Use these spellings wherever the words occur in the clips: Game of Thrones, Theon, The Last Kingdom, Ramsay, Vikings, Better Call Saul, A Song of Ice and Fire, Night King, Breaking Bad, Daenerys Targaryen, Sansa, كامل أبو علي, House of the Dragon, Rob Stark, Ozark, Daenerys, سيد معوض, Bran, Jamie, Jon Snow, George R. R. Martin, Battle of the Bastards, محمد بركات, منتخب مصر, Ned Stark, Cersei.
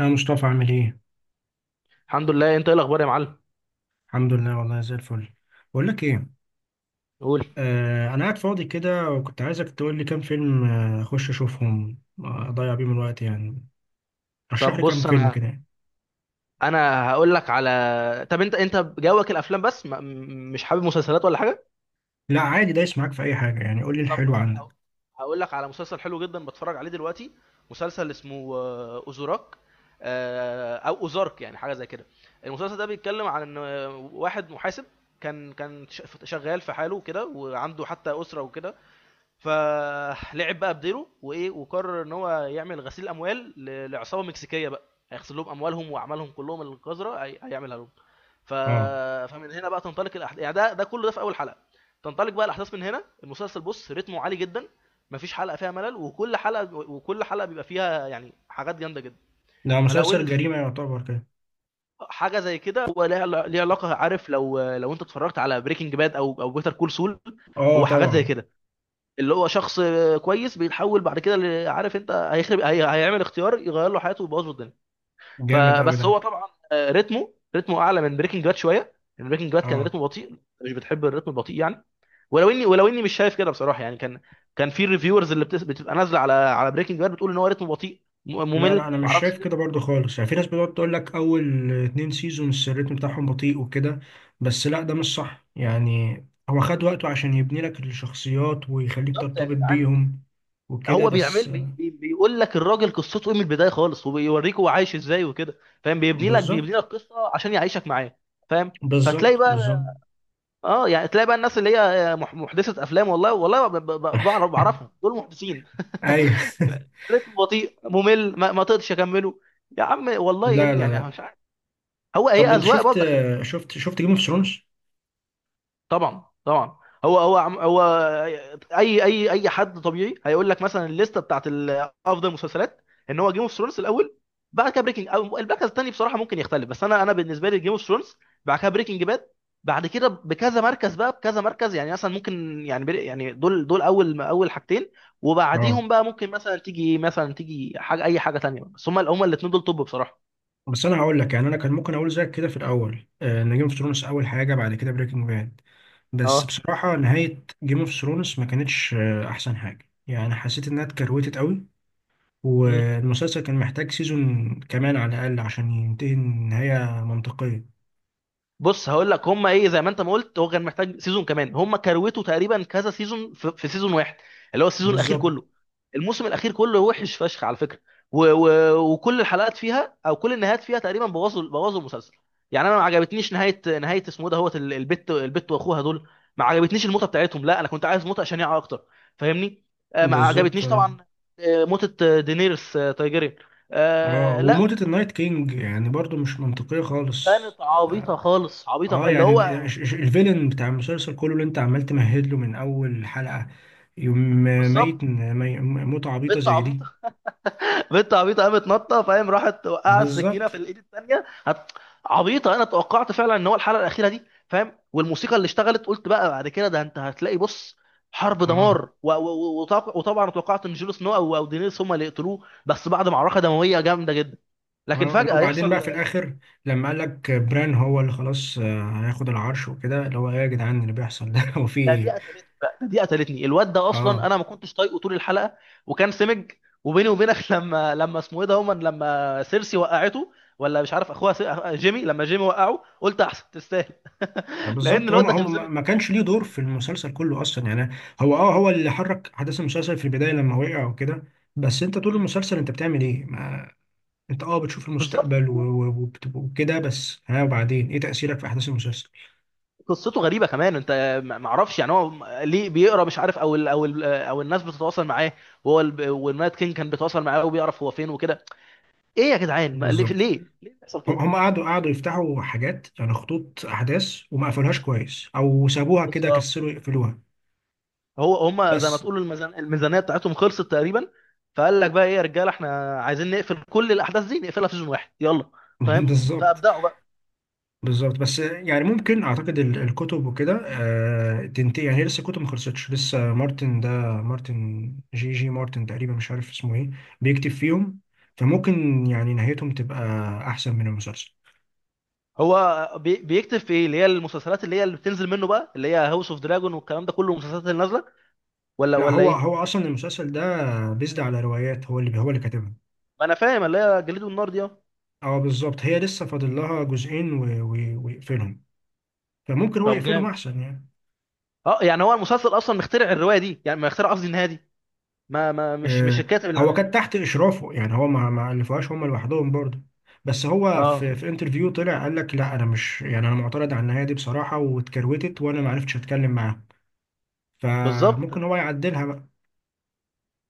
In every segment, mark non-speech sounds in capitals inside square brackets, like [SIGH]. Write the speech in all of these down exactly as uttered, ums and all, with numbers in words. يا مصطفى، عامل ايه؟ الحمد لله، انت ايه الاخبار يا معلم؟ الحمد لله، والله زي الفل. بقول لك ايه. قول. آه انا قاعد فاضي كده، وكنت عايزك تقول لي كام فيلم، آه، اخش اشوفهم، آه، اضيع بيهم الوقت يعني. رشح طب لي كام بص فيلم انا كده يعني. انا هقول لك على، طب انت انت جوك الافلام بس ما... م- مش حابب مسلسلات ولا حاجه. لا، عادي، دايس معاك في اي حاجه، يعني قول لي طب الحلو عندك. ه... هقول لك على مسلسل حلو جدا بتفرج عليه دلوقتي. مسلسل اسمه آه، اوزوراك. آه، او اوزارك، يعني حاجه زي كده. المسلسل ده بيتكلم عن ان آه، واحد محاسب كان كان ش- شغال في حاله كده، وعنده حتى اسره وكده، فلعب بقى بديره وايه، وقرر ان هو يعمل غسيل اموال ل- لعصابه مكسيكيه بقى، هيغسل لهم اموالهم واعمالهم كلهم القذره، هي- هيعملها لهم. ف... اه، فمن هنا بقى تنطلق الاحداث، يعني ده ده كله، ده في اول حلقه. تنطلق بقى الاحداث من هنا. المسلسل بص رتمه عالي جدا، مفيش حلقه فيها ملل، وكل حلقه وكل حلقه بيبقى فيها يعني حاجات جامده جدا. ده فلو مسلسل ال- جريمه يعتبر كده. حاجه زي كده هو ليها ليها علاقه، عارف لو لو انت اتفرجت على بريكنج باد او او بيتر كول سول، اه هو حاجات زي طبعا. كده. اللي هو شخص كويس بيتحول بعد كده ل- عارف انت هيخرب، هي... هيعمل اختيار يغير له حياته ويبوظ له الدنيا. جامد قوي فبس ده. هو طبعا آه، رتمه رتمه اعلى من بريكنج باد شويه. بريكنج باد كان اه. رتمه بطيء. مش بتحب الرتم البطيء يعني؟ ولو اني ولو اني مش شايف كده بصراحه، يعني كان كان في الريفيورز اللي بتس... بتبقى نازله على على بريكنج باد بتقول ان هو رتمه بطيء، م- لا لا، ممل، انا مش معرفش شايف كده ايه. برضو خالص يعني. في ناس بتقعد تقول لك اول اتنين سيزونز الريتم بتاعهم بطيء وكده، بس لا، ده مش صح يعني. هو خد وقته عشان يبني لك الشخصيات ويخليك بالظبط يا ترتبط جدعان. بيهم وكده هو بس. بيعمل بي... بي... بيقول لك الراجل قصته ايه من البدايه خالص، وبيوريك هو عايش ازاي وكده، فاهم، بيبني لك بيبني بالظبط، لك قصه عشان يعيشك معاه. فاهم. بالظبط، فتلاقي بالظبط. بقى، اه يعني تلاقي بقى الناس اللي هي آه، مح- محدثه افلام، والله والله ب- ب- بعرف بعرفهم [LAUGHS] دول محدثين. ايوه. [LAUGHS] [LAUGHS] رتم بطيء ممل، ما, ما تقدرش اكمله، يا عم والله لا إن لا يعني أنا لا. مش عارف. هو هي طب انت اذواق شفت، برضه، خلي بالك. شفت شفت جيم اوف ثرونز؟ طبعا، طبعا. هو هو عم- هو اي اي اي حد طبيعي هيقول لك مثلا الليسته بتاعت ال- افضل المسلسلات، ان هو جيم اوف ثرونز الاول، بعد كده بريكنج، او المركز الثاني بصراحه ممكن يختلف، بس انا انا بالنسبه لي جيم اوف ثرونز، بعد كده بريكنج باد، بعد كده بكذا مركز بقى بكذا مركز، يعني مثلا ممكن يعني بري- يعني دول دول اول اول حاجتين. اه. وبعديهم بقى ممكن مثلا تيجي مثلا تيجي حاجه، اي حاجه ثانيه، بس هم هم الاثنين دول توب بصراحه. بس انا هقول لك يعني، انا كان ممكن اقول زيك كده في الاول، آه، ان جيم اوف ثرونز اول حاجه، بعد كده بريكنج باد. بس اه. بصراحة نهاية جيم اوف ثرونز ما كانتش آه، أحسن حاجة، يعني حسيت إنها اتكروتت قوي. مم. والمسلسل كان محتاج سيزون كمان على الأقل عشان ينتهي نهاية منطقية. بص هقول لك هم ايه، زي ما انت ما قلت هو كان محتاج سيزون كمان، هم كروته تقريبا كذا سيزون في, في سيزون واحد، اللي هو السيزون الاخير بالظبط، كله، الموسم الاخير كله وحش فشخ على فكره. و و وكل الحلقات فيها او كل النهايات فيها تقريبا بوظوا بوظوا المسلسل. يعني انا ما عجبتنيش نهايه نهايه اسمه إيه ده، هوت ال- البت البت واخوها دول، ما عجبتنيش الموتة بتاعتهم، لا انا كنت عايز موتة شنيعه اكتر، فاهمني؟ آه، ما بالظبط. عجبتنيش اه، طبعا. آه، موتة آه، دينيرس آه، تايجيريان، آه، آه، لا. وموتة النايت كينج يعني برضو مش منطقية خالص. كانت عبيطه اه، خالص، عبيطه خ- آه، اللي يعني انت- هو، الش- الش- الفيلن بتاع المسلسل كله اللي انت عمال تمهد له من أول حلقة. يوم ميت بالظبط. مي- موتة عبيطة بنت زي دي. عبيطه. [LAUGHS] بنت عبيطه قامت نطه، فاهم، راحت وقعت السكينه بالظبط. في الايد الثانيه، هت... عبيطه. انا توقعت فعلا ان هو الحلقه الاخيره دي، فاهم، والموسيقى اللي اشتغلت قلت بقى بعد كده ده انت هتلاقي، بص، حرب اه دمار، و... و... وطبع- وطبعا توقعت ان جون سنو او او دينيريس هم اللي يقتلوه، بس بعد معركه دمويه جامده جدا. لكن اه. لو فجاه بعدين بقى يحصل. في الاخر، لما قال لك بران هو اللي خلاص آه، هياخد العرش وكده، اللي هو ايه يا جدعان اللي بيحصل ده؟ [LAUGHS] هو في ده دي ايه؟ قتلتني بقى ده دي قتلتني، الواد ده اصلا اه انا ما كنتش طايقه طول الحلقه، وكان سمج. وبيني وبينك [LAUGHS] لما لما اسمه ايه ده، هما لما سيرسي وقعته، ولا مش عارف اخوها، سي... جيمي، لما جيمي وقعه قلت احسن تستاهل، [LAUGHS] لان بالظبط. هم الواد ده كان هم سمج ما ما جدا. كانش ليه كان دور سمج في جدا. المسلسل كله اصلا يعني. هو، اه، هو اللي حرك احداث المسلسل في البدايه لما وقع وكده. بس انت طول مم. المسلسل انت بتعمل ايه؟ ما انت، اه، بتشوف بالظبط. المستقبل و- و- وبت- وكده بس. ها، وبعدين ايه تاثيرك في احداث المسلسل؟ قصته غريبه كمان انت. ما ما اعرفش يعني، هو ليه بيقرا مش عارف، او ال او ال او الناس بتتواصل معاه، وهو ال- والنايت كينج كان بيتواصل معاه وبيعرف هو فين وكده. ايه يا جدعان؟ ما- ليه ليه بالظبط. ليه بيحصل هم كده؟ هم قعدوا قعدوا يفتحوا حاجات، يعني خطوط احداث وما قفلوهاش كويس، او سابوها كده، بالظبط. كسلوا يقفلوها. هو هم زي ما بس. تقول الميزان الميزانيه بتاعتهم خلصت تقريبا، فقال لك بقى: ايه يا رجاله، احنا عايزين نقفل كل الاحداث دي، نقفلها في سيزون واحد، يلا. [LAUGHS] فاهم، بالظبط، فابدعوا بقى. بالظبط. بس يعني ممكن اعتقد ال- الكتب وكده آه، تنتهي. يعني هي لسه الكتب ما خلصتش لسه. مارتن ده، مارتن جي جي مارتن تقريبا، مش عارف اسمه ايه، بيكتب فيهم. فممكن يعني نهايتهم تبقى احسن من المسلسل. هو بي- بيكتب في ايه اللي هي المسلسلات اللي هي اللي بتنزل منه بقى، اللي هي هاوس اوف دراجون والكلام ده كله، المسلسلات اللي نازله، ولا لا، ولا هو ايه؟ هو اصلا المسلسل ده بيزد على روايات هو اللي هو اللي كاتبها. ما انا فاهم، اللي هي جليد والنار دي، اه. اه بالظبط. هي لسه فاضل لها جزئين و- و- ويقفلهم، فممكن هو طب يقفلهم جامد. احسن يعني. اه يعني هو المسلسل اصلا مخترع الروايه دي، يعني مخترع، قصدي النهايه دي، ما ما مش مش آه، الكاتب اللي هو عاملها؟ كان تحت اشرافه يعني، هو ما ما الفوهاش هم لوحدهم برضه. بس هو في اه، في انترفيو طلع قال لك لا، انا مش، يعني انا معترض على النهايه دي بصراحه، واتكروتت وانا ما عرفتش اتكلم معاه. بالظبط. فممكن هو يعدلها بقى.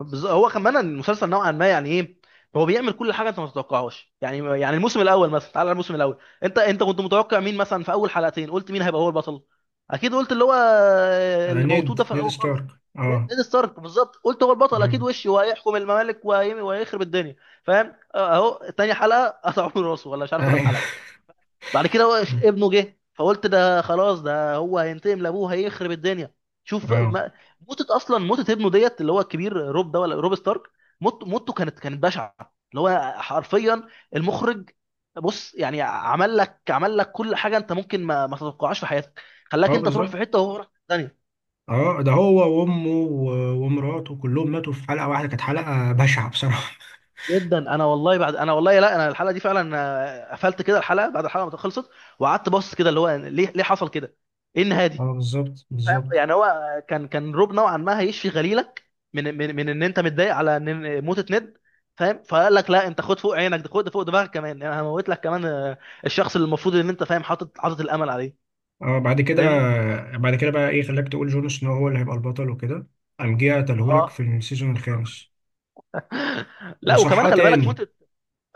بز- هو كمان المسلسل نوعا ما، يعني ايه، هو بيعمل كل حاجه انت ما تتوقعهاش، يعني يعني الموسم الاول مثلا، تعال على الموسم الاول. انت انت كنت متوقع مين مثلا في اول حلقتين، قلت مين هيبقى هو البطل؟ اكيد قلت اللي هو آه، اللي موجود ده نيد في نيد الاول خالص، ستارك. اه. نيد ستارك، بالظبط قلت هو البطل اكيد مم. وشي، وهيحكم الممالك، وهي- وهيخرب الدنيا. فاهم، اهو تاني حلقه قطعوا له راسه، ولا مش عارف، ثلاث ايوه. حلقات. بعد كده هو ش- [LAUGHS] ابنه جه، فقلت ده خلاص ده هو هينتقم لابوه، هيخرب الدنيا. شوف اه ما. موتة اصلا، موتة ابنه ديت اللي هو الكبير روب ده، ولا روب ستارك، موت موته كانت كانت بشعة، اللي هو حرفيا المخرج بص، يعني عمل لك عمل لك كل حاجة انت ممكن ما, ما تتوقعهاش في حياتك، اه خلاك انت تروح بالظبط. في حتة وهو راح في ثانية. اه، ده هو وامه و- ومراته كلهم ماتوا في حلقه واحده، كانت حلقه بشعه بصراحه. جدا، انا والله بعد، انا والله، لا انا الحلقة دي فعلا آه، قفلت كده، الحلقة بعد الحلقة ما خلصت، وقعدت بص كده، اللي هو ليه ليه حصل كده؟ ايه النهاية [LAUGHS] دي؟ اه بالظبط فاهم بالظبط. يعني هو كان كان روب نوعا ما هيشفي غليلك، من من من ان انت متضايق على ان إن موتة نيد. فاهم، فقال لك لا انت، خد فوق عينك ده، خد فوق دماغك كمان، انا هموت لك كمان آه، الشخص اللي المفروض ان انت فاهم حاطط حاطط الامل عليه. اه بعد كده فاهمني؟ بعد كده بقى ايه خلاك تقول جون سنو هو اللي هيبقى البطل وكده؟ قام جه قتلهولك في اه. السيزون الخامس، [LAUGHS] لا، وكمان وصحاه خلي بالك تاني، موتة،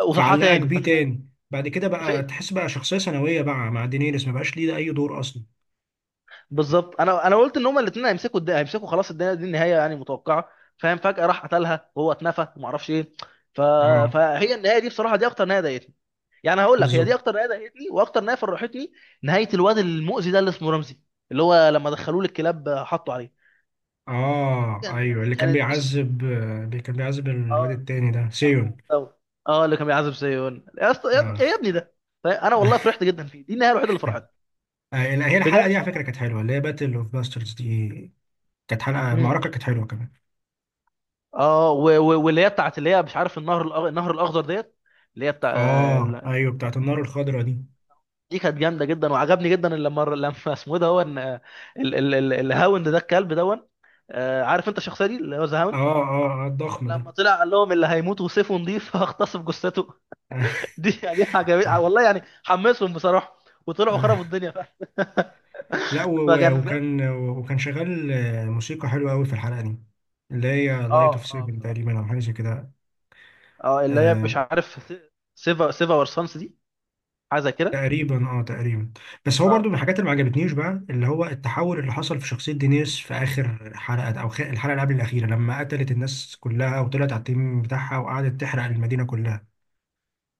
وصحاه فعلقك تاني. بيه تاني، بعد كده بقى فت- تحس بقى شخصية ثانوية بقى مع دينيريس، ما بقاش ليه ده أي دور أصلا. بالظبط، انا انا قلت ان هما الاثنين هيمسكوا الد... هيمسكوا خلاص الدنيا دي، النهايه يعني متوقعه. فاهم، فجاه راح قتلها وهو اتنفى وما اعرفش ايه. ف... اه فهي النهايه دي بصراحه، دي اكتر نهايه ضايقتني. يعني هقول لك هي دي بالظبط. اكتر نهايه ضايقتني، واكتر نهايه فرحتني: نهايه الواد المؤذي ده اللي اسمه رمزي، اللي هو لما دخلوه للكلاب حطوا عليه. دي اه كان ايوه، كان اللي كان كانت بص، بيعذب، آه، كان بيعذب الواد اه، التاني ده سيون. اخوه دوت. اه، اللي كان بيعذب سيون يا اسطى، يا اه. يا ابني ده. طيب انا والله [LAUGHS] فرحت جدا فيه، دي النهايه الوحيده اللي فرحتني، آه، لا، هي الحلقة بجانب دي على فكرة طبعا كانت ان هم. حلوة، اللي هي باتل اوف باسترز دي. كانت حلقة مم. المعركة كانت حلوة كمان. اه، و- و- واللي هي بتاعت اللي هي مش عارف، النهر الأخ- النهر الاخضر ديت، اللي هي بتاع اه آه، ايوه، بتاعت النار الخضراء دي. دي كانت جامده جدا، وعجبني جدا إن لما لما [LAUGHS] اسمه ده هو، إن، آه، ال- ال- ال- الهاوند ده الكلب دون، آه، عارف انت الشخصيه دي اللي هو ذا اه هاوند، اه، آه، الضخم ده. لما طلع قال لهم: اللي هيموت وسيفه نضيف [LAUGHS] هغتصب جثته. [LAUGHS] [LAUGHS] دي دي عجبتني والله، يعني حمسهم بصراحه، وطلعوا آه. خربوا الدنيا فعلا. لا، [LAUGHS] و- و- فكانت جامده. وكان، وكان شغال آه، موسيقى حلوة قوي في الحلقة دي، اللي هي لايت اوف اه، اه، سيفن بصراحه، تقريبا، او حاجة زي كده. اه، اللي هي آه، مش عارف، سيفا سيفا ورسانس دي، حاجه زي كده. تقريبا. اه تقريبا. بس هو برضو اه، من الحاجات اللي ما عجبتنيش بقى، اللي هو التحول اللي حصل في شخصية دينيس في آخر حلقة، او خ- الحلقة اللي قبل الأخيرة، لما قتلت الناس كلها وطلعت على التيم بتاعها وقعدت تحرق المدينة كلها.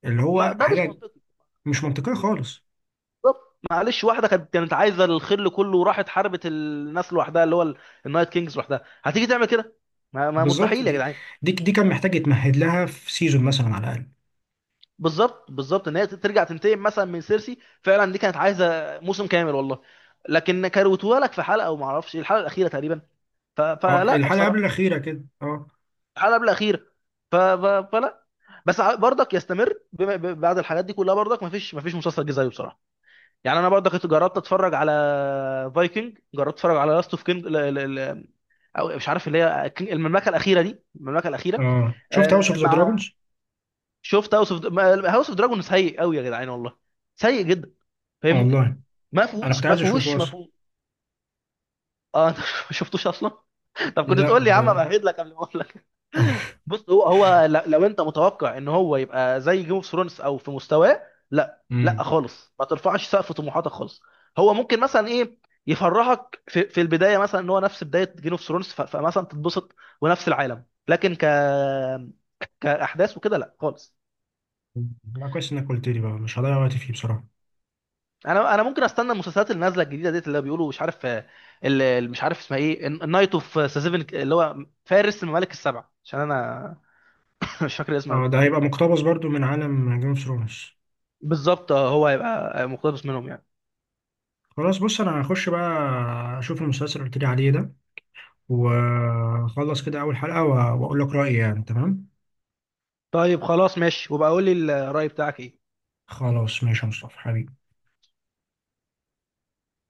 اللي ما هو ده مش حاجة منطقي. مش منطقية خالص. بالظبط، معلش، واحده كانت كانت عايزه الخل كله وراحت حاربت الناس لوحدها، اللي هو ال- النايت كينجز لوحدها، هتيجي تعمل كده؟ ما, ما بالظبط. مستحيل يا دي جدعان. دي دي كان محتاج يتمهد لها في سيزون مثلا على الأقل. بالظبط، بالظبط ان هي ترجع تنتقم مثلا من سيرسي فعلا، دي كانت عايزه موسم كامل والله، لكن كروتوها لك في حلقه، وما اعرفش الحلقه الاخيره تقريبا. ف... اه، فلا الحلقه قبل بصراحه، الاخيره كده، اه. الحلقه قبل الاخيره، ف... ف... فلا. بس ع- برضك يستمر بما... ب... بعد الحاجات دي كلها، برضك ما فيش ما فيش مسلسل جه زيه بصراحه. يعني انا برضك جربت اتفرج على فايكنج، جربت اتفرج على لاست اوف كينج، او مش عارف اللي هي المملكه الاخيره دي، المملكه الاخيره. اه، شفت هاوس اوف آه ذا مع دراجونز؟ شفت هاوس اوف، هاوس اوف دراجون سيء قوي يا جدعان والله، سيء جدا، فاهمني؟ والله ما انا كنت فيهوش، ما عايز اشوفه فيهوش، ما اصلا. فيهوش. اه [LAUGHS] انت، ما شفتوش اصلا. طب كنت لا تقول لي يا عم، ب... امهد لك قبل ما اقول لك. [LAUGHS] [LAUGHS] بص، هو هو ل- لو انت متوقع ان هو يبقى زي جيم اوف ثرونز، او في مستواه، لا، لا، امم خالص ما ترفعش سقف طموحاتك خالص. هو ممكن مثلا ايه، يفرحك في, في البدايه مثلا، ان هو نفس بدايه جيم اوف ثرونز فمثلا تتبسط، ونفس العالم، لكن ك كاحداث وكده لا خالص. لا، كويس انك قلت لي بقى، مش هضيع وقتي فيه بصراحه. انا انا ممكن استنى المسلسلات اللي نازله الجديده ديت، اللي بيقولوا مش عارف، آه، اللي مش عارف اسمها ايه، النايت اوف سيفن، اللي هو فارس الممالك السبع، عشان انا [LAUGHS] مش فاكر اسمها. اه، ده هيبقى مقتبس برضو من عالم جيم اوف ثرونز. بالظبط، آه، هو هيبقى مقتبس منهم يعني. خلاص، بص انا هخش بقى اشوف المسلسل اللي قلت لي عليه ده، واخلص كده اول حلقه و- واقول لك رايي يعني، تمام؟ طيب خلاص ماشي، وبقى قول لي الرأي بتاعك ايه؟ خلاص، ماشي يا مصطفى حبيبي.